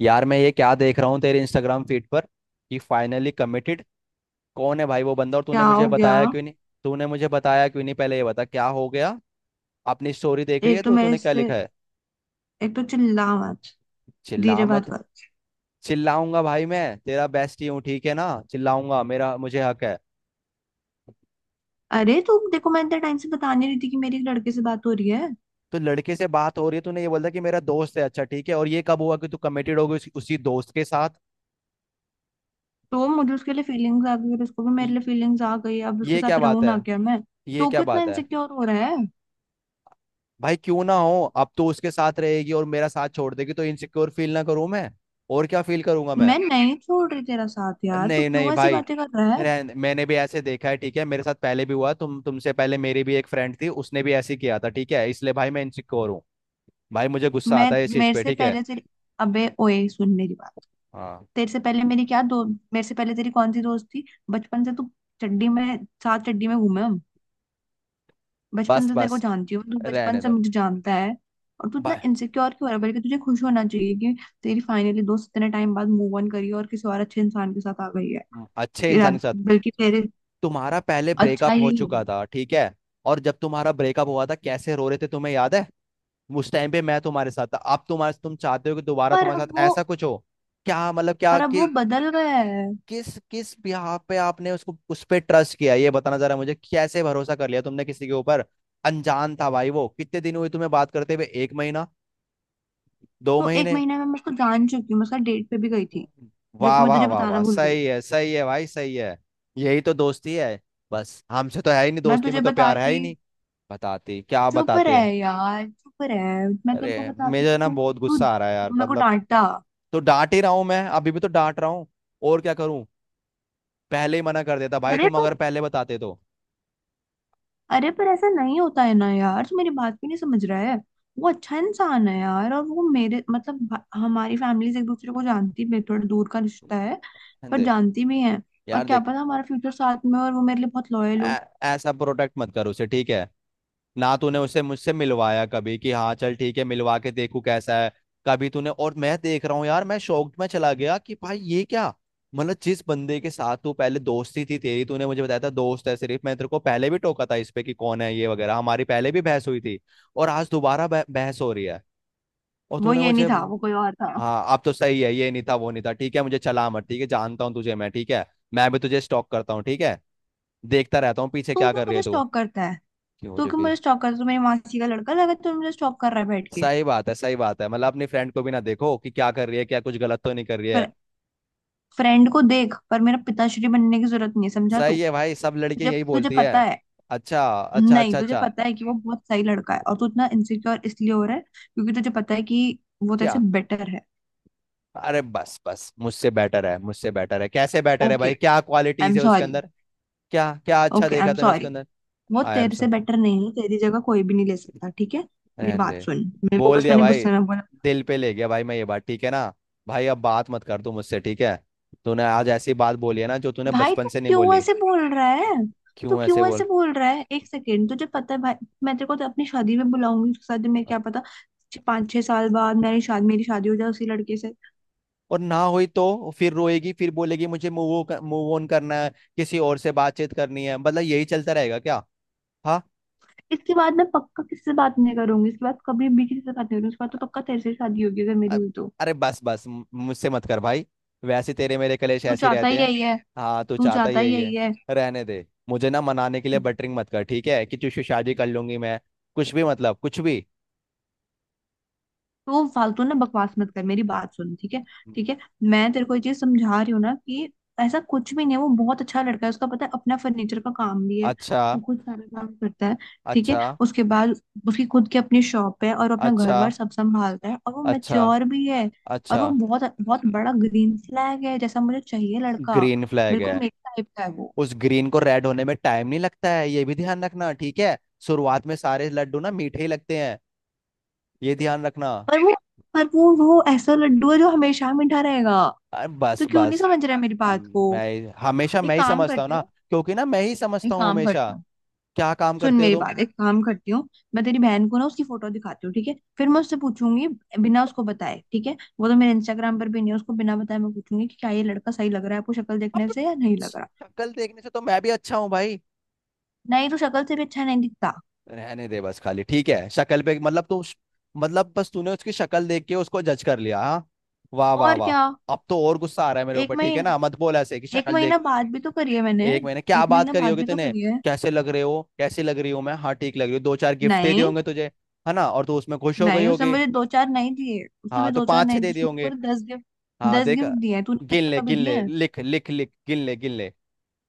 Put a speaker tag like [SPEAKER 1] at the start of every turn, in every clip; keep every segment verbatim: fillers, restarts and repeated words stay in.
[SPEAKER 1] यार मैं ये क्या देख रहा हूँ तेरे इंस्टाग्राम फीड पर कि फाइनली कमिटेड। कौन है भाई वो बंदा, और तूने
[SPEAKER 2] क्या
[SPEAKER 1] मुझे
[SPEAKER 2] हो गया?
[SPEAKER 1] बताया क्यों नहीं? तूने मुझे बताया क्यों नहीं, पहले ये बता क्या हो गया। अपनी स्टोरी देख रही
[SPEAKER 2] एक
[SPEAKER 1] है
[SPEAKER 2] तो
[SPEAKER 1] तू,
[SPEAKER 2] मेरे
[SPEAKER 1] तूने क्या
[SPEAKER 2] से
[SPEAKER 1] लिखा है?
[SPEAKER 2] एक तो चिल्ला मत,
[SPEAKER 1] चिल्ला
[SPEAKER 2] धीरे बात
[SPEAKER 1] मत?
[SPEAKER 2] कर।
[SPEAKER 1] चिल्लाऊंगा भाई, मैं तेरा बेस्ट ही हूँ, ठीक है ना, चिल्लाऊंगा, मेरा मुझे हक है।
[SPEAKER 2] अरे तुम देखो, मैं इतने टाइम से बता नहीं रही थी कि मेरी एक लड़के से बात हो रही है।
[SPEAKER 1] तो लड़के से बात हो रही है, तूने ये बोला कि मेरा दोस्त है, अच्छा ठीक है, और ये कब हुआ कि तू कमिटेड हो गई उसी, उसी दोस्त के साथ?
[SPEAKER 2] तो मुझे उसके लिए फीलिंग्स आ गई और उसको भी मेरे
[SPEAKER 1] ये
[SPEAKER 2] लिए फीलिंग्स आ गई। अब उसके
[SPEAKER 1] ये क्या
[SPEAKER 2] साथ
[SPEAKER 1] बात
[SPEAKER 2] रहूं
[SPEAKER 1] है?
[SPEAKER 2] ना, क्या मैं?
[SPEAKER 1] ये
[SPEAKER 2] तो
[SPEAKER 1] क्या
[SPEAKER 2] कितना
[SPEAKER 1] बात है?
[SPEAKER 2] इनसिक्योर हो रहा है।
[SPEAKER 1] भाई क्यों ना हो, अब तो उसके साथ रहेगी और मेरा साथ छोड़ देगी, तो इनसिक्योर फील ना करूं मैं? और क्या फील करूंगा मैं?
[SPEAKER 2] मैं नहीं छोड़ रही तेरा साथ यार, तू
[SPEAKER 1] नहीं नहीं
[SPEAKER 2] क्यों ऐसी
[SPEAKER 1] भाई,
[SPEAKER 2] बातें कर रहा है?
[SPEAKER 1] रहन- मैंने भी ऐसे देखा है, ठीक है, मेरे साथ पहले भी हुआ, तुम तुमसे पहले मेरी भी एक फ्रेंड थी, उसने भी ऐसे ही किया था, ठीक है, इसलिए भाई मैं इनसिक्योर हूँ। भाई मुझे गुस्सा
[SPEAKER 2] मैं
[SPEAKER 1] आता है इस चीज
[SPEAKER 2] मेरे
[SPEAKER 1] पे,
[SPEAKER 2] से
[SPEAKER 1] ठीक है।
[SPEAKER 2] पहले तेरी अबे ओए, सुन मेरी बात।
[SPEAKER 1] हाँ।
[SPEAKER 2] तेरे से पहले मेरी क्या दो मेरे से पहले तेरी कौन सी दोस्त थी? बचपन से तू चड्डी में साथ, चड्डी में घूमे हम। बचपन
[SPEAKER 1] बस
[SPEAKER 2] से तेरे को
[SPEAKER 1] बस।
[SPEAKER 2] जानती हूँ, तू बचपन
[SPEAKER 1] रहने
[SPEAKER 2] से
[SPEAKER 1] दो
[SPEAKER 2] मुझे जानता है। और तू इतना
[SPEAKER 1] भाई।
[SPEAKER 2] इनसिक्योर क्यों हो रहा है? बल्कि तुझे खुश होना चाहिए कि तेरी फाइनली दोस्त इतने टाइम बाद मूव ऑन करी है और किसी और अच्छे इंसान के साथ आ गई है।
[SPEAKER 1] हम्म, अच्छे
[SPEAKER 2] कि रा-
[SPEAKER 1] इंसान के साथ?
[SPEAKER 2] बल्कि तेरे
[SPEAKER 1] तुम्हारा पहले
[SPEAKER 2] अच्छा
[SPEAKER 1] ब्रेकअप हो
[SPEAKER 2] ही हो।
[SPEAKER 1] चुका था, ठीक है? और जब तुम्हारा ब्रेकअप हुआ था, कैसे रो रहे थे तुम्हें याद है? उस टाइम पे मैं तुम्हारे साथ था, अब तुम्हारे तुम चाहते हो कि दोबारा
[SPEAKER 2] पर
[SPEAKER 1] तुम्हारे
[SPEAKER 2] अब
[SPEAKER 1] साथ
[SPEAKER 2] वो
[SPEAKER 1] ऐसा कुछ हो? क्या मतलब क्या
[SPEAKER 2] पर अब वो
[SPEAKER 1] कि,
[SPEAKER 2] बदल गया है।
[SPEAKER 1] किस किस बिहाफ पे आपने उसको उस पे ट्रस्ट किया, ये बताना जरा मुझे, कैसे भरोसा कर लिया तुमने किसी के ऊपर? अनजान था भाई वो, कितने दिन हुए तुम्हें बात करते हुए, एक महीना, दो
[SPEAKER 2] तो एक
[SPEAKER 1] महीने
[SPEAKER 2] महीने में मैं उसको जान चुकी हूँ, मैं उसका डेट पे भी गई थी, जो कि
[SPEAKER 1] वाह
[SPEAKER 2] मैं
[SPEAKER 1] वाह
[SPEAKER 2] तुझे
[SPEAKER 1] वाह
[SPEAKER 2] बताना
[SPEAKER 1] वाह,
[SPEAKER 2] भूल गई।
[SPEAKER 1] सही है सही है भाई, सही है। यही तो दोस्ती है। बस हमसे तो है ही नहीं
[SPEAKER 2] मैं
[SPEAKER 1] दोस्ती,
[SPEAKER 2] तुझे
[SPEAKER 1] में तो प्यार है
[SPEAKER 2] बताती
[SPEAKER 1] ही नहीं। बताती क्या,
[SPEAKER 2] चुप
[SPEAKER 1] बताते
[SPEAKER 2] रह
[SPEAKER 1] हैं।
[SPEAKER 2] यार, चुप रह। मैं तेरे को
[SPEAKER 1] अरे
[SPEAKER 2] बताती
[SPEAKER 1] मुझे
[SPEAKER 2] तो
[SPEAKER 1] ना
[SPEAKER 2] तू
[SPEAKER 1] बहुत
[SPEAKER 2] तू
[SPEAKER 1] गुस्सा आ रहा है यार,
[SPEAKER 2] मेरे को
[SPEAKER 1] मतलब।
[SPEAKER 2] डांटता।
[SPEAKER 1] तो डांट ही रहा हूं मैं, अभी भी तो डांट रहा हूँ। और क्या करूं? पहले ही मना कर देता भाई,
[SPEAKER 2] अरे
[SPEAKER 1] तुम अगर
[SPEAKER 2] पर
[SPEAKER 1] पहले बताते तो।
[SPEAKER 2] अरे पर ऐसा नहीं होता है ना यार, तू मेरी बात भी नहीं समझ रहा है। वो अच्छा इंसान है यार, और वो मेरे मतलब भा- हमारी फैमिली एक दूसरे को जानती भी है, थोड़ा दूर का रिश्ता है पर
[SPEAKER 1] दे,
[SPEAKER 2] जानती भी है। और
[SPEAKER 1] यार
[SPEAKER 2] क्या
[SPEAKER 1] देख,
[SPEAKER 2] पता हमारा फ्यूचर साथ में हो और वो मेरे लिए बहुत लॉयल हो।
[SPEAKER 1] ऐ- ऐसा प्रोटेक्ट मत कर उसे, ठीक है? ना तूने उसे मुझसे मिलवाया कभी कि हाँ चल ठीक है, मिलवा के देखू कैसा है। कभी तूने, और मैं देख रहा हूँ यार, मैं शॉक्ड में चला गया कि भाई ये क्या। मतलब जिस बंदे के साथ तू पहले दोस्ती थी तेरी, तूने मुझे बताया था दोस्त है सिर्फ, मैं तेरे को पहले भी टोका था इस पे कि कौन है ये वगैरह, हमारी पहले भी बहस हुई थी। और आज दोबारा बह- बहस हो रही है। और
[SPEAKER 2] वो
[SPEAKER 1] तूने
[SPEAKER 2] ये
[SPEAKER 1] मुझे।
[SPEAKER 2] नहीं था, वो कोई और था।
[SPEAKER 1] हाँ, अब तो सही है, ये नहीं था वो नहीं था, ठीक है, मुझे चला मत, ठीक है, जानता हूँ तुझे मैं, ठीक है। मैं भी तुझे स्टॉक करता हूँ, ठीक है, देखता रहता हूँ पीछे
[SPEAKER 2] तू
[SPEAKER 1] क्या
[SPEAKER 2] क्यों
[SPEAKER 1] कर रही
[SPEAKER 2] मुझे
[SPEAKER 1] है तू।
[SPEAKER 2] स्टॉक करता है
[SPEAKER 1] क्यों
[SPEAKER 2] तू
[SPEAKER 1] जो
[SPEAKER 2] क्यों
[SPEAKER 1] कि।
[SPEAKER 2] मुझे स्टॉक करता है? तू मेरी मासी का लड़का लगा, तू मुझे स्टॉक कर रहा है बैठ के।
[SPEAKER 1] सही बात है, सही बात है, मतलब अपनी फ्रेंड को भी ना देखो कि क्या कर रही है, क्या कुछ गलत तो नहीं कर रही है।
[SPEAKER 2] पर फ्रेंड को देख, पर मेरा पिताश्री बनने की जरूरत नहीं है, समझा तू।
[SPEAKER 1] सही है भाई, सब लड़कियां
[SPEAKER 2] जब तुझे
[SPEAKER 1] यही
[SPEAKER 2] तुझे
[SPEAKER 1] बोलती है।
[SPEAKER 2] पता है
[SPEAKER 1] अच्छा अच्छा
[SPEAKER 2] नहीं,
[SPEAKER 1] अच्छा
[SPEAKER 2] तुझे
[SPEAKER 1] अच्छा।
[SPEAKER 2] पता है कि वो बहुत सही लड़का है, और तू इतना इनसिक्योर इसलिए हो रहा है क्योंकि तुझे पता है कि वो तेरे
[SPEAKER 1] क्या?
[SPEAKER 2] से बेटर है।
[SPEAKER 1] अरे बस बस, मुझसे बेटर है, मुझसे बेटर है, कैसे बेटर है
[SPEAKER 2] ओके,
[SPEAKER 1] भाई, क्या
[SPEAKER 2] आई
[SPEAKER 1] क्वालिटीज
[SPEAKER 2] एम
[SPEAKER 1] है उसके
[SPEAKER 2] सॉरी।
[SPEAKER 1] अंदर? क्या क्या अच्छा
[SPEAKER 2] ओके, आई
[SPEAKER 1] देखा
[SPEAKER 2] एम
[SPEAKER 1] तूने
[SPEAKER 2] सॉरी।
[SPEAKER 1] उसके अंदर?
[SPEAKER 2] वो
[SPEAKER 1] आई एम
[SPEAKER 2] तेरे
[SPEAKER 1] सो।
[SPEAKER 2] से बेटर नहीं है, तेरी जगह कोई भी नहीं ले सकता, ठीक है। मेरी
[SPEAKER 1] रहने
[SPEAKER 2] बात
[SPEAKER 1] दे।
[SPEAKER 2] सुन, मेरे को,
[SPEAKER 1] बोल
[SPEAKER 2] बस
[SPEAKER 1] दिया
[SPEAKER 2] मैंने
[SPEAKER 1] भाई,
[SPEAKER 2] गुस्से में बोला।
[SPEAKER 1] दिल पे ले गया भाई मैं ये बात, ठीक है ना? भाई अब बात मत कर तू मुझसे, ठीक है? तूने आज ऐसी बात बोली है ना, जो तूने
[SPEAKER 2] भाई,
[SPEAKER 1] बचपन
[SPEAKER 2] तू
[SPEAKER 1] से नहीं
[SPEAKER 2] क्यों
[SPEAKER 1] बोली।
[SPEAKER 2] ऐसे बोल रहा है? तू
[SPEAKER 1] क्यों ऐसे
[SPEAKER 2] क्यों
[SPEAKER 1] बोल।
[SPEAKER 2] ऐसे बोल रहा है? एक सेकेंड, तुझे पता है भाई। मैं तेरे को तो अपनी शादी में बुलाऊंगी उसके साथ में, क्या पता छ- पाँच छह साल बाद मेरी शादी मेरी शादी हो जाए उसी लड़के से।
[SPEAKER 1] और ना हुई तो फिर रोएगी, फिर बोलेगी मुझे मूव मूव ऑन करना है, किसी और से बातचीत करनी है, मतलब यही चलता रहेगा क्या? हाँ।
[SPEAKER 2] इसके बाद मैं पक्का किससे बात नहीं करूंगी, इसके बाद कभी भी किसी से बात नहीं करूंगी, इसके बाद तो पक्का तेरे से शादी होगी अगर मेरी
[SPEAKER 1] अ-
[SPEAKER 2] हुई तो।
[SPEAKER 1] अरे बस बस, मु- मुझसे मत कर भाई। वैसे तेरे मेरे कलेश
[SPEAKER 2] तू
[SPEAKER 1] ऐसे ही
[SPEAKER 2] चाहता ही
[SPEAKER 1] रहते हैं।
[SPEAKER 2] यही है
[SPEAKER 1] हाँ, तू
[SPEAKER 2] तू
[SPEAKER 1] चाहता ही
[SPEAKER 2] चाहता ही
[SPEAKER 1] यही
[SPEAKER 2] यही
[SPEAKER 1] है।
[SPEAKER 2] है।
[SPEAKER 1] रहने दे, मुझे ना मनाने के लिए बटरिंग मत कर, ठीक है, कि तुझसे शादी कर लूंगी मैं, कुछ भी, मतलब कुछ भी।
[SPEAKER 2] तो फालतू ना बकवास मत कर, मेरी बात सुन, ठीक है? ठीक है, मैं तेरे को ये चीज समझा रही हूँ ना, कि ऐसा कुछ भी नहीं है। वो बहुत अच्छा लड़का है, उसका पता है, अपना फर्नीचर का काम भी है,
[SPEAKER 1] अच्छा।
[SPEAKER 2] वो खुद सारा काम करता है। ठीक है,
[SPEAKER 1] अच्छा।
[SPEAKER 2] उसके बाद उसकी खुद की अपनी शॉप है, और अपना घर
[SPEAKER 1] अच्छा।
[SPEAKER 2] बार सब संभालता है, और वो
[SPEAKER 1] अच्छा।
[SPEAKER 2] मेच्योर भी है। और
[SPEAKER 1] अच्छा।
[SPEAKER 2] वो बहुत बहुत बड़ा ग्रीन फ्लैग है, जैसा मुझे चाहिए लड़का।
[SPEAKER 1] ग्रीन फ्लैग है?
[SPEAKER 2] बिल्कुल मेरे टाइप का है वो।
[SPEAKER 1] उस ग्रीन को रेड होने में टाइम नहीं लगता है, ये भी ध्यान रखना, ठीक है। शुरुआत में सारे लड्डू ना मीठे ही लगते हैं, ये ध्यान रखना।
[SPEAKER 2] पर वो पर वो वो ऐसा लड्डू है जो हमेशा मीठा रहेगा।
[SPEAKER 1] अरे बस
[SPEAKER 2] तो क्यों नहीं
[SPEAKER 1] बस।
[SPEAKER 2] समझ रहा है मेरी बात को?
[SPEAKER 1] हम्म, मैं हमेशा, मैं
[SPEAKER 2] एक
[SPEAKER 1] ही
[SPEAKER 2] काम
[SPEAKER 1] समझता हूँ
[SPEAKER 2] करती
[SPEAKER 1] ना,
[SPEAKER 2] हूँ
[SPEAKER 1] क्योंकि ना मैं ही समझता
[SPEAKER 2] एक
[SPEAKER 1] हूँ
[SPEAKER 2] काम
[SPEAKER 1] हमेशा।
[SPEAKER 2] करती हूँ
[SPEAKER 1] क्या काम
[SPEAKER 2] सुन
[SPEAKER 1] करते हो
[SPEAKER 2] मेरी
[SPEAKER 1] तुम?
[SPEAKER 2] बात, एक काम करती हूँ। मैं तेरी बहन को ना उसकी फोटो दिखाती हूँ, ठीक है, फिर मैं उससे पूछूंगी बिना उसको बताए। ठीक है, वो तो मेरे इंस्टाग्राम पर भी नहीं है, उसको बिना बताए मैं पूछूंगी कि क्या ये लड़का सही लग रहा है आपको शक्ल देखने
[SPEAKER 1] अब
[SPEAKER 2] से, या नहीं लग रहा?
[SPEAKER 1] शक्ल देखने से तो मैं भी अच्छा हूँ भाई।
[SPEAKER 2] नहीं, तो शक्ल से भी अच्छा नहीं दिखता।
[SPEAKER 1] रहने दे बस खाली, ठीक है, शक्ल पे मतलब तू, मतलब बस तूने उसकी शक्ल देख के उसको जज कर लिया, हाँ? वाह वाह
[SPEAKER 2] और
[SPEAKER 1] वाह।
[SPEAKER 2] क्या?
[SPEAKER 1] अब तो और गुस्सा आ रहा है मेरे
[SPEAKER 2] एक
[SPEAKER 1] ऊपर, ठीक है
[SPEAKER 2] महीना
[SPEAKER 1] ना, मत बोल ऐसे कि
[SPEAKER 2] एक
[SPEAKER 1] शक्ल
[SPEAKER 2] महीना
[SPEAKER 1] देख।
[SPEAKER 2] बाद भी तो करी है मैंने,
[SPEAKER 1] एक महीने क्या
[SPEAKER 2] एक
[SPEAKER 1] बात
[SPEAKER 2] महीना
[SPEAKER 1] करी
[SPEAKER 2] बाद
[SPEAKER 1] होगी
[SPEAKER 2] भी तो
[SPEAKER 1] तूने?
[SPEAKER 2] करी है।
[SPEAKER 1] कैसे लग रहे हो, कैसे लग रही हूँ मैं, हाँ ठीक लग रही हूँ, दो चार गिफ्ट दे दिए
[SPEAKER 2] नहीं,
[SPEAKER 1] होंगे तुझे, है ना, और तू उसमें खुश हो गई
[SPEAKER 2] नहीं, उसने
[SPEAKER 1] होगी।
[SPEAKER 2] मुझे दो चार नहीं दिए, उसने
[SPEAKER 1] हाँ,
[SPEAKER 2] मुझे
[SPEAKER 1] तो
[SPEAKER 2] दो चार
[SPEAKER 1] पाँच छह
[SPEAKER 2] नहीं
[SPEAKER 1] दे
[SPEAKER 2] दिए
[SPEAKER 1] दिए
[SPEAKER 2] उसने
[SPEAKER 1] होंगे।
[SPEAKER 2] पूरे दस गिफ्ट,
[SPEAKER 1] हाँ
[SPEAKER 2] दस
[SPEAKER 1] देखा।
[SPEAKER 2] गिफ्ट दिए हैं। तूने आज
[SPEAKER 1] गिन
[SPEAKER 2] तक
[SPEAKER 1] ले
[SPEAKER 2] कभी
[SPEAKER 1] गिन
[SPEAKER 2] दिए
[SPEAKER 1] ले,
[SPEAKER 2] हैं?
[SPEAKER 1] लिख लिख लिख, गिन ले गिन ले।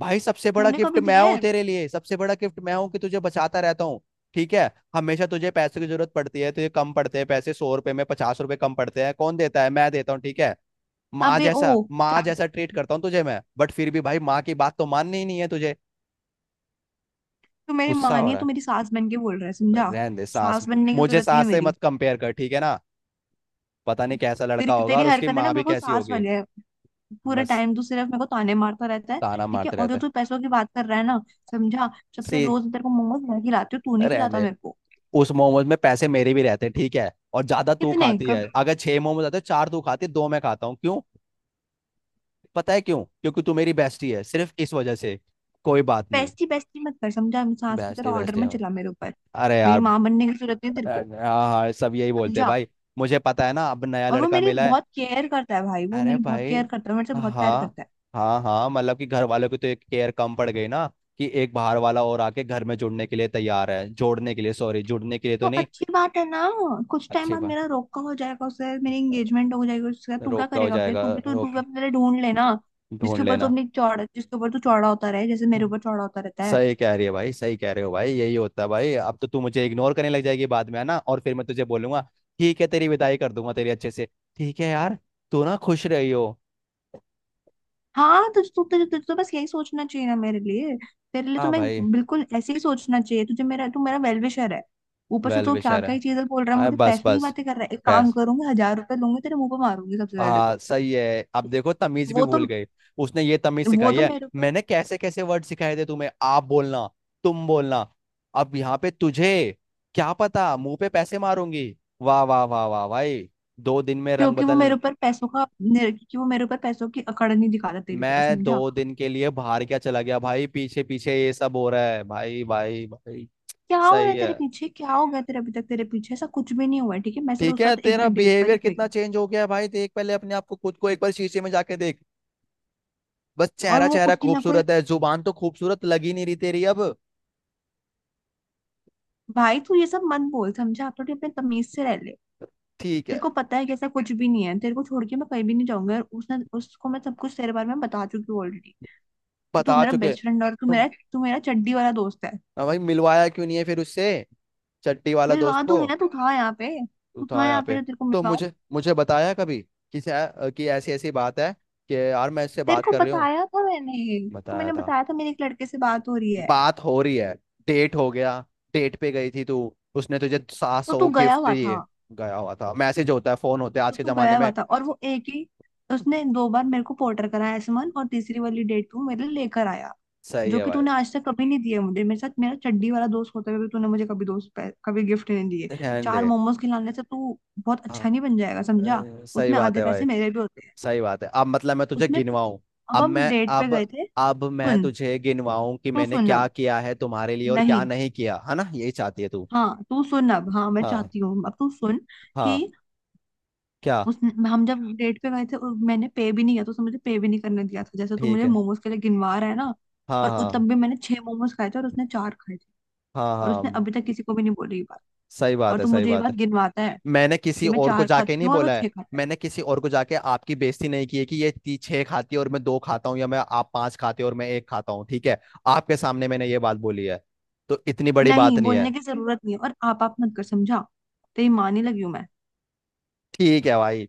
[SPEAKER 1] भाई सबसे बड़ा
[SPEAKER 2] तूने
[SPEAKER 1] गिफ्ट
[SPEAKER 2] कभी
[SPEAKER 1] मैं
[SPEAKER 2] दिए
[SPEAKER 1] हूँ
[SPEAKER 2] हैं?
[SPEAKER 1] तेरे लिए, सबसे बड़ा गिफ्ट मैं हूँ कि तुझे बचाता रहता हूँ। ठीक है, हमेशा तुझे पैसे की जरूरत पड़ती है, तुझे कम पड़ते हैं पैसे, सौ रुपए में पचास रुपए कम पड़ते हैं, कौन देता है, मैं देता हूँ, ठीक है। माँ
[SPEAKER 2] अबे ओ,
[SPEAKER 1] जैसा, माँ जैसा ट्रीट करता हूँ तुझे मैं, बट फिर भी भाई माँ की बात तो माननी ही नहीं है तुझे।
[SPEAKER 2] तू मेरी माँ
[SPEAKER 1] गुस्सा हो
[SPEAKER 2] नहीं है,
[SPEAKER 1] रहा
[SPEAKER 2] तू
[SPEAKER 1] है?
[SPEAKER 2] मेरी सास बन के बोल रहा है,
[SPEAKER 1] भाई,
[SPEAKER 2] समझा।
[SPEAKER 1] रहने दे सास,
[SPEAKER 2] सास बनने की
[SPEAKER 1] मुझे
[SPEAKER 2] जरूरत नहीं है
[SPEAKER 1] सास से
[SPEAKER 2] मेरी।
[SPEAKER 1] मत कंपेयर कर, ठीक है ना, पता नहीं कैसा लड़का
[SPEAKER 2] तेरी
[SPEAKER 1] होगा
[SPEAKER 2] तेरी
[SPEAKER 1] और उसकी
[SPEAKER 2] हरकत है ना,
[SPEAKER 1] माँ भी
[SPEAKER 2] बिल्कुल
[SPEAKER 1] कैसी
[SPEAKER 2] सास
[SPEAKER 1] होगी।
[SPEAKER 2] वाली है। पूरे
[SPEAKER 1] बस।
[SPEAKER 2] टाइम तू सिर्फ मेरे को ताने मारता रहता है,
[SPEAKER 1] ताना
[SPEAKER 2] ठीक है?
[SPEAKER 1] मारते
[SPEAKER 2] और जो
[SPEAKER 1] रहते।
[SPEAKER 2] तू पैसों की बात कर रहा है ना, समझा, सबसे
[SPEAKER 1] सी।
[SPEAKER 2] रोज तेरे को मोमोज मैं खिलाती हूँ, तू नहीं
[SPEAKER 1] रहने
[SPEAKER 2] खिलाता
[SPEAKER 1] दे।
[SPEAKER 2] मेरे को।
[SPEAKER 1] उस मोमोज में पैसे मेरे भी रहते हैं, ठीक है, और ज्यादा तू
[SPEAKER 2] कितने?
[SPEAKER 1] खाती
[SPEAKER 2] कब?
[SPEAKER 1] है, अगर छह मोमोज आते हैं, चार तू खाती है, दो मैं खाता हूँ, क्यों? पता है क्यों, क्योंकि तू मेरी बेस्टी है, सिर्फ इस वजह से। कोई बात नहीं।
[SPEAKER 2] बेस्टी बेस्टी मत कर, समझा, सास की तरह
[SPEAKER 1] बेस्टी
[SPEAKER 2] ऑर्डर
[SPEAKER 1] बेस्टी
[SPEAKER 2] मत
[SPEAKER 1] हूँ।
[SPEAKER 2] चला मेरे ऊपर।
[SPEAKER 1] अरे
[SPEAKER 2] मेरी
[SPEAKER 1] यार।
[SPEAKER 2] माँ बनने की जरूरत नहीं तेरे
[SPEAKER 1] अ-
[SPEAKER 2] को,
[SPEAKER 1] हाँ हाँ, सब यही बोलते हैं
[SPEAKER 2] समझा?
[SPEAKER 1] भाई, मुझे पता है ना, अब नया
[SPEAKER 2] और वो
[SPEAKER 1] लड़का
[SPEAKER 2] मेरी
[SPEAKER 1] मिला है।
[SPEAKER 2] बहुत केयर करता है भाई, वो
[SPEAKER 1] अरे
[SPEAKER 2] मेरी बहुत
[SPEAKER 1] भाई।
[SPEAKER 2] केयर करता है मेरे से बहुत प्यार
[SPEAKER 1] हाँ।
[SPEAKER 2] करता है।
[SPEAKER 1] हाँ हाँ, मतलब कि घर वालों की तो एक केयर कम पड़ गई ना, कि एक बाहर वाला और आके घर में जुड़ने के लिए तैयार है, जोड़ने के लिए, सॉरी, जुड़ने के लिए, तो
[SPEAKER 2] तो
[SPEAKER 1] नहीं।
[SPEAKER 2] अच्छी बात है ना, कुछ टाइम
[SPEAKER 1] अच्छी
[SPEAKER 2] बाद
[SPEAKER 1] बात।
[SPEAKER 2] मेरा रोका हो जाएगा उससे, मेरी एंगेजमेंट हो जाएगी उससे। तू क्या
[SPEAKER 1] रोका हो
[SPEAKER 2] करेगा फिर?
[SPEAKER 1] जाएगा,
[SPEAKER 2] तू भी तो तू भी
[SPEAKER 1] रोक।
[SPEAKER 2] अपने लिए ढूंढ लेना, जिसके
[SPEAKER 1] ढूंढ
[SPEAKER 2] ऊपर तू
[SPEAKER 1] लेना।
[SPEAKER 2] अपनी चौड़ा जिसके ऊपर तू चौड़ा होता रहे, जैसे मेरे
[SPEAKER 1] हम्म।
[SPEAKER 2] ऊपर चौड़ा होता रहता है।
[SPEAKER 1] सही कह रही है भाई, सही कह रहे हो भाई, यही होता है भाई, अब तो तू मुझे इग्नोर करने लग जाएगी बाद में, है ना, और फिर मैं तुझे बोलूंगा ठीक है, तेरी विदाई कर दूंगा तेरी अच्छे से, ठीक है यार, तू ना खुश रही हो।
[SPEAKER 2] हाँ, तुझे तू तुझे तुझे तो बस यही सोचना चाहिए ना मेरे लिए। तेरे लिए तो
[SPEAKER 1] हाँ
[SPEAKER 2] मैं
[SPEAKER 1] भाई।
[SPEAKER 2] बिल्कुल ऐसे ही सोचना चाहिए तुझे मेरा। तू मेरा वेल विशर है। ऊपर से
[SPEAKER 1] वेल
[SPEAKER 2] तू क्या
[SPEAKER 1] विशर है।
[SPEAKER 2] क्या चीजें बोल रहा है,
[SPEAKER 1] हाँ,
[SPEAKER 2] मुझे
[SPEAKER 1] बस
[SPEAKER 2] पैसों की
[SPEAKER 1] बस।
[SPEAKER 2] बातें कर रहा है, एक काम
[SPEAKER 1] बस।
[SPEAKER 2] करूंगी, हजार रुपए लूंगी, तेरे मुंह पे मारूंगी सबसे पहले
[SPEAKER 1] हाँ
[SPEAKER 2] तो।
[SPEAKER 1] सही है, अब देखो तमीज भी
[SPEAKER 2] वो तो
[SPEAKER 1] भूल गई, उसने ये तमीज
[SPEAKER 2] वो
[SPEAKER 1] सिखाई
[SPEAKER 2] तो
[SPEAKER 1] है,
[SPEAKER 2] मेरे ऊपर
[SPEAKER 1] मैंने कैसे कैसे वर्ड सिखाए थे तुम्हें, आप बोलना, तुम बोलना। अब यहाँ पे तुझे, क्या पता मुंह पे पैसे मारूंगी। वाह वाह वाह वाह भाई, दो दिन में रंग
[SPEAKER 2] क्योंकि वो
[SPEAKER 1] बदल।
[SPEAKER 2] मेरे ऊपर पैसों का निर- क्योंकि वो मेरे ऊपर पैसों की अकड़ नहीं दिखाता तेरी तरह,
[SPEAKER 1] मैं
[SPEAKER 2] समझा।
[SPEAKER 1] दो दिन के लिए बाहर क्या चला गया भाई, पीछे पीछे ये सब हो रहा है, भाई भाई भाई।
[SPEAKER 2] क्या हो रहा है
[SPEAKER 1] सही है।
[SPEAKER 2] तेरे पीछे? क्या हो गया तेरे अभी तक तेरे पीछे ऐसा कुछ भी नहीं हुआ है, ठीक है, मैं सिर्फ
[SPEAKER 1] ठीक
[SPEAKER 2] उसका
[SPEAKER 1] है,
[SPEAKER 2] एक
[SPEAKER 1] तेरा
[SPEAKER 2] बार डेट पर
[SPEAKER 1] बिहेवियर
[SPEAKER 2] ही गई
[SPEAKER 1] कितना
[SPEAKER 2] हूँ।
[SPEAKER 1] चेंज हो गया है भाई, देख पहले अपने आप को, खुद को एक बार शीशे में जाके देख, बस
[SPEAKER 2] और
[SPEAKER 1] चेहरा,
[SPEAKER 2] वो
[SPEAKER 1] चेहरा
[SPEAKER 2] उसकी ना कोई
[SPEAKER 1] खूबसूरत है, जुबान तो खूबसूरत लग ही नहीं रही तेरी अब।
[SPEAKER 2] भाई, तू ये सब मन बोल, समझा, थोड़ी अपने तमीज से रह ले।
[SPEAKER 1] ठीक
[SPEAKER 2] तेरे
[SPEAKER 1] है।
[SPEAKER 2] को पता है कि ऐसा कुछ भी नहीं है, तेरे को छोड़ के मैं कहीं भी नहीं जाऊंगा। और उसने उसको मैं सब कुछ तेरे बारे में बता चुकी हूँ ऑलरेडी, कि तू
[SPEAKER 1] बता
[SPEAKER 2] मेरा
[SPEAKER 1] चुके
[SPEAKER 2] बेस्ट फ्रेंड, और तू
[SPEAKER 1] तुम।
[SPEAKER 2] मेरा तू मेरा चड्डी वाला दोस्त है।
[SPEAKER 1] हाँ भाई, मिलवाया क्यों नहीं है फिर उससे, चट्टी वाला दोस्त
[SPEAKER 2] मिलवा
[SPEAKER 1] को।
[SPEAKER 2] दूंगी ना, तू था यहाँ पे?
[SPEAKER 1] तू
[SPEAKER 2] तू था
[SPEAKER 1] था यहाँ
[SPEAKER 2] यहाँ पे
[SPEAKER 1] पे
[SPEAKER 2] जो तेरे को
[SPEAKER 1] तो,
[SPEAKER 2] मिलवाऊं?
[SPEAKER 1] मुझे मुझे बताया कभी कि, सै- कि ऐसी ऐसी बात है, कि यार मैं इससे
[SPEAKER 2] तेरे
[SPEAKER 1] बात
[SPEAKER 2] को
[SPEAKER 1] कर रही हूँ?
[SPEAKER 2] बताया था मैंने तेरे को
[SPEAKER 1] बताया
[SPEAKER 2] मैंने
[SPEAKER 1] था?
[SPEAKER 2] बताया था, मेरे एक लड़के से बात हो रही है।
[SPEAKER 1] बात हो रही है, डेट हो गया, डेट पे गई थी तू, उसने तुझे सात
[SPEAKER 2] तो
[SPEAKER 1] सौ
[SPEAKER 2] तू गया
[SPEAKER 1] गिफ्ट
[SPEAKER 2] हुआ था।
[SPEAKER 1] दिए? गया हुआ था? मैसेज होता है, फोन होते हैं
[SPEAKER 2] तो
[SPEAKER 1] आज के
[SPEAKER 2] तू
[SPEAKER 1] जमाने
[SPEAKER 2] गया हुआ
[SPEAKER 1] में।
[SPEAKER 2] था और वो एक ही उसने दो बार मेरे को पोर्टर कराया एसमन, और तीसरी वाली डेट तू मेरे लिए लेकर आया,
[SPEAKER 1] सही
[SPEAKER 2] जो
[SPEAKER 1] है
[SPEAKER 2] कि
[SPEAKER 1] भाई।
[SPEAKER 2] तूने आज तक कभी नहीं दिया मुझे। मेरे साथ मेरा चड्डी वाला दोस्त होते हुए भी तूने मुझे कभी दोस्त पे- कभी गिफ्ट नहीं दिए।
[SPEAKER 1] रहने दे।
[SPEAKER 2] चार मोमोज खिलाने से तू बहुत
[SPEAKER 1] हाँ,
[SPEAKER 2] अच्छा नहीं बन जाएगा,
[SPEAKER 1] अ,
[SPEAKER 2] समझा।
[SPEAKER 1] सही
[SPEAKER 2] उसमें
[SPEAKER 1] बात
[SPEAKER 2] आधे
[SPEAKER 1] है
[SPEAKER 2] पैसे
[SPEAKER 1] भाई,
[SPEAKER 2] मेरे भी होते हैं।
[SPEAKER 1] सही बात है, अब मतलब मैं तुझे
[SPEAKER 2] उसमें अब
[SPEAKER 1] गिनवाऊं? अब
[SPEAKER 2] हम
[SPEAKER 1] मैं,
[SPEAKER 2] डेट पे
[SPEAKER 1] अब
[SPEAKER 2] गए थे।
[SPEAKER 1] अब मैं
[SPEAKER 2] सुन
[SPEAKER 1] तुझे गिनवाऊं कि
[SPEAKER 2] तू
[SPEAKER 1] मैंने
[SPEAKER 2] सुन
[SPEAKER 1] क्या
[SPEAKER 2] अब,
[SPEAKER 1] किया है तुम्हारे लिए और क्या
[SPEAKER 2] नहीं,
[SPEAKER 1] नहीं किया है, ना यही चाहती है तू?
[SPEAKER 2] हाँ, तू सुन अब, हाँ मैं
[SPEAKER 1] हाँ।
[SPEAKER 2] चाहती हूँ, अब तू सुन, कि
[SPEAKER 1] हाँ। क्या?
[SPEAKER 2] उस हम जब डेट पे गए थे और मैंने पे भी नहीं किया था, उसने मुझे पे भी नहीं करने दिया था, जैसे तू
[SPEAKER 1] ठीक
[SPEAKER 2] मुझे
[SPEAKER 1] है।
[SPEAKER 2] मोमोज के लिए गिनवा रहा है ना।
[SPEAKER 1] हाँ
[SPEAKER 2] और उस
[SPEAKER 1] हाँ।
[SPEAKER 2] तब भी मैंने छह मोमोज खाए थे और उसने चार खाए थे।
[SPEAKER 1] हाँ
[SPEAKER 2] और उसने
[SPEAKER 1] हाँ।
[SPEAKER 2] अभी तक किसी को भी नहीं बोली ये बात,
[SPEAKER 1] सही
[SPEAKER 2] और
[SPEAKER 1] बात है,
[SPEAKER 2] तू
[SPEAKER 1] सही
[SPEAKER 2] मुझे ये
[SPEAKER 1] बात
[SPEAKER 2] बात
[SPEAKER 1] है,
[SPEAKER 2] गिनवाता है
[SPEAKER 1] मैंने किसी
[SPEAKER 2] कि मैं
[SPEAKER 1] और को
[SPEAKER 2] चार
[SPEAKER 1] जाके
[SPEAKER 2] खाती
[SPEAKER 1] नहीं
[SPEAKER 2] हूँ और वो
[SPEAKER 1] बोला है,
[SPEAKER 2] छह खाता है।
[SPEAKER 1] मैंने किसी और को जाके आपकी बेइज्जती नहीं की है कि ये ती छह खाती है और मैं दो खाता हूँ, या मैं आप पांच खाते हो और मैं एक खाता हूँ, ठीक है, आपके सामने मैंने ये बात बोली है, तो इतनी बड़ी
[SPEAKER 2] नहीं
[SPEAKER 1] बात नहीं
[SPEAKER 2] बोलने
[SPEAKER 1] है।
[SPEAKER 2] की जरूरत नहीं है, और आप आप मत कर, समझा, तेरी माँ नहीं लगी हूं मैं।
[SPEAKER 1] ठीक है भाई,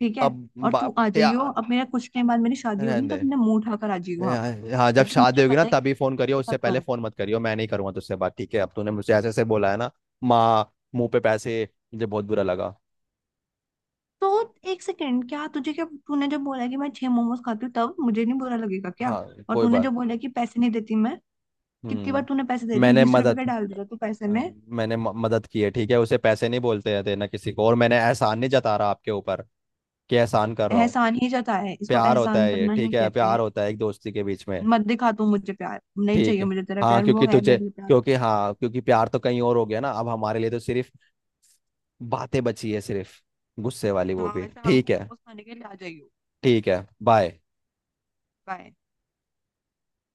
[SPEAKER 2] ठीक है,
[SPEAKER 1] अब
[SPEAKER 2] और तू
[SPEAKER 1] बाप
[SPEAKER 2] आ
[SPEAKER 1] या।
[SPEAKER 2] जाइयो, अब मेरा कुछ टाइम बाद मेरी शादी
[SPEAKER 1] रहने
[SPEAKER 2] होगी ना,
[SPEAKER 1] दे।
[SPEAKER 2] तब मैं मुंह उठाकर आ जाइयो वहां पर?
[SPEAKER 1] या- हाँ, जब
[SPEAKER 2] क्योंकि
[SPEAKER 1] शादी
[SPEAKER 2] मुझे
[SPEAKER 1] होगी ना
[SPEAKER 2] पता है कि
[SPEAKER 1] तभी फोन
[SPEAKER 2] मैं
[SPEAKER 1] करियो,
[SPEAKER 2] किसके
[SPEAKER 1] उससे
[SPEAKER 2] साथ
[SPEAKER 1] पहले
[SPEAKER 2] रहूंगी।
[SPEAKER 1] फोन मत करियो, मैं नहीं करूंगा तुझसे बात, ठीक है, अब तूने मुझे ऐसे ऐसे बोला है ना, माँ मुंह पे पैसे, मुझे बहुत बुरा लगा।
[SPEAKER 2] तो एक सेकेंड, क्या तुझे क्या तूने जब बोला कि मैं छह मोमोज खाती हूँ तब मुझे नहीं बुरा लगेगा क्या?
[SPEAKER 1] हाँ
[SPEAKER 2] और
[SPEAKER 1] कोई
[SPEAKER 2] तूने
[SPEAKER 1] बात।
[SPEAKER 2] जब बोला कि पैसे नहीं देती मैं, कितनी बार
[SPEAKER 1] हम्म
[SPEAKER 2] तूने पैसे दे दिए?
[SPEAKER 1] मैंने
[SPEAKER 2] बीस रुपए
[SPEAKER 1] मदद,
[SPEAKER 2] का डाल दिया तू पैसे
[SPEAKER 1] अ,
[SPEAKER 2] में।
[SPEAKER 1] मैंने म- मदद की है, ठीक है, उसे पैसे नहीं बोलते हैं देना किसी को, और मैंने एहसान नहीं जता रहा आपके ऊपर कि एहसान कर रहा हूँ,
[SPEAKER 2] एहसान ही जताया है, इसको
[SPEAKER 1] प्यार होता
[SPEAKER 2] एहसान
[SPEAKER 1] है ये,
[SPEAKER 2] करना ही
[SPEAKER 1] ठीक है,
[SPEAKER 2] कहते
[SPEAKER 1] प्यार
[SPEAKER 2] हैं।
[SPEAKER 1] होता है एक दोस्ती के बीच में।
[SPEAKER 2] मत दिखा तू मुझे प्यार, नहीं
[SPEAKER 1] ठीक
[SPEAKER 2] चाहिए
[SPEAKER 1] है।
[SPEAKER 2] मुझे तेरा
[SPEAKER 1] हाँ
[SPEAKER 2] प्यार। वो
[SPEAKER 1] क्योंकि
[SPEAKER 2] है
[SPEAKER 1] तुझे,
[SPEAKER 2] मेरे लिए प्यार।
[SPEAKER 1] क्योंकि हाँ, क्योंकि प्यार तो कहीं और हो गया ना, अब हमारे लिए तो सिर्फ बातें बची है सिर्फ, गुस्से वाली, वो भी
[SPEAKER 2] हाँ, शाम को
[SPEAKER 1] ठीक है।
[SPEAKER 2] मोमोज खाने के लिए आ जाइयो।
[SPEAKER 1] ठीक है, बाय।
[SPEAKER 2] बाय।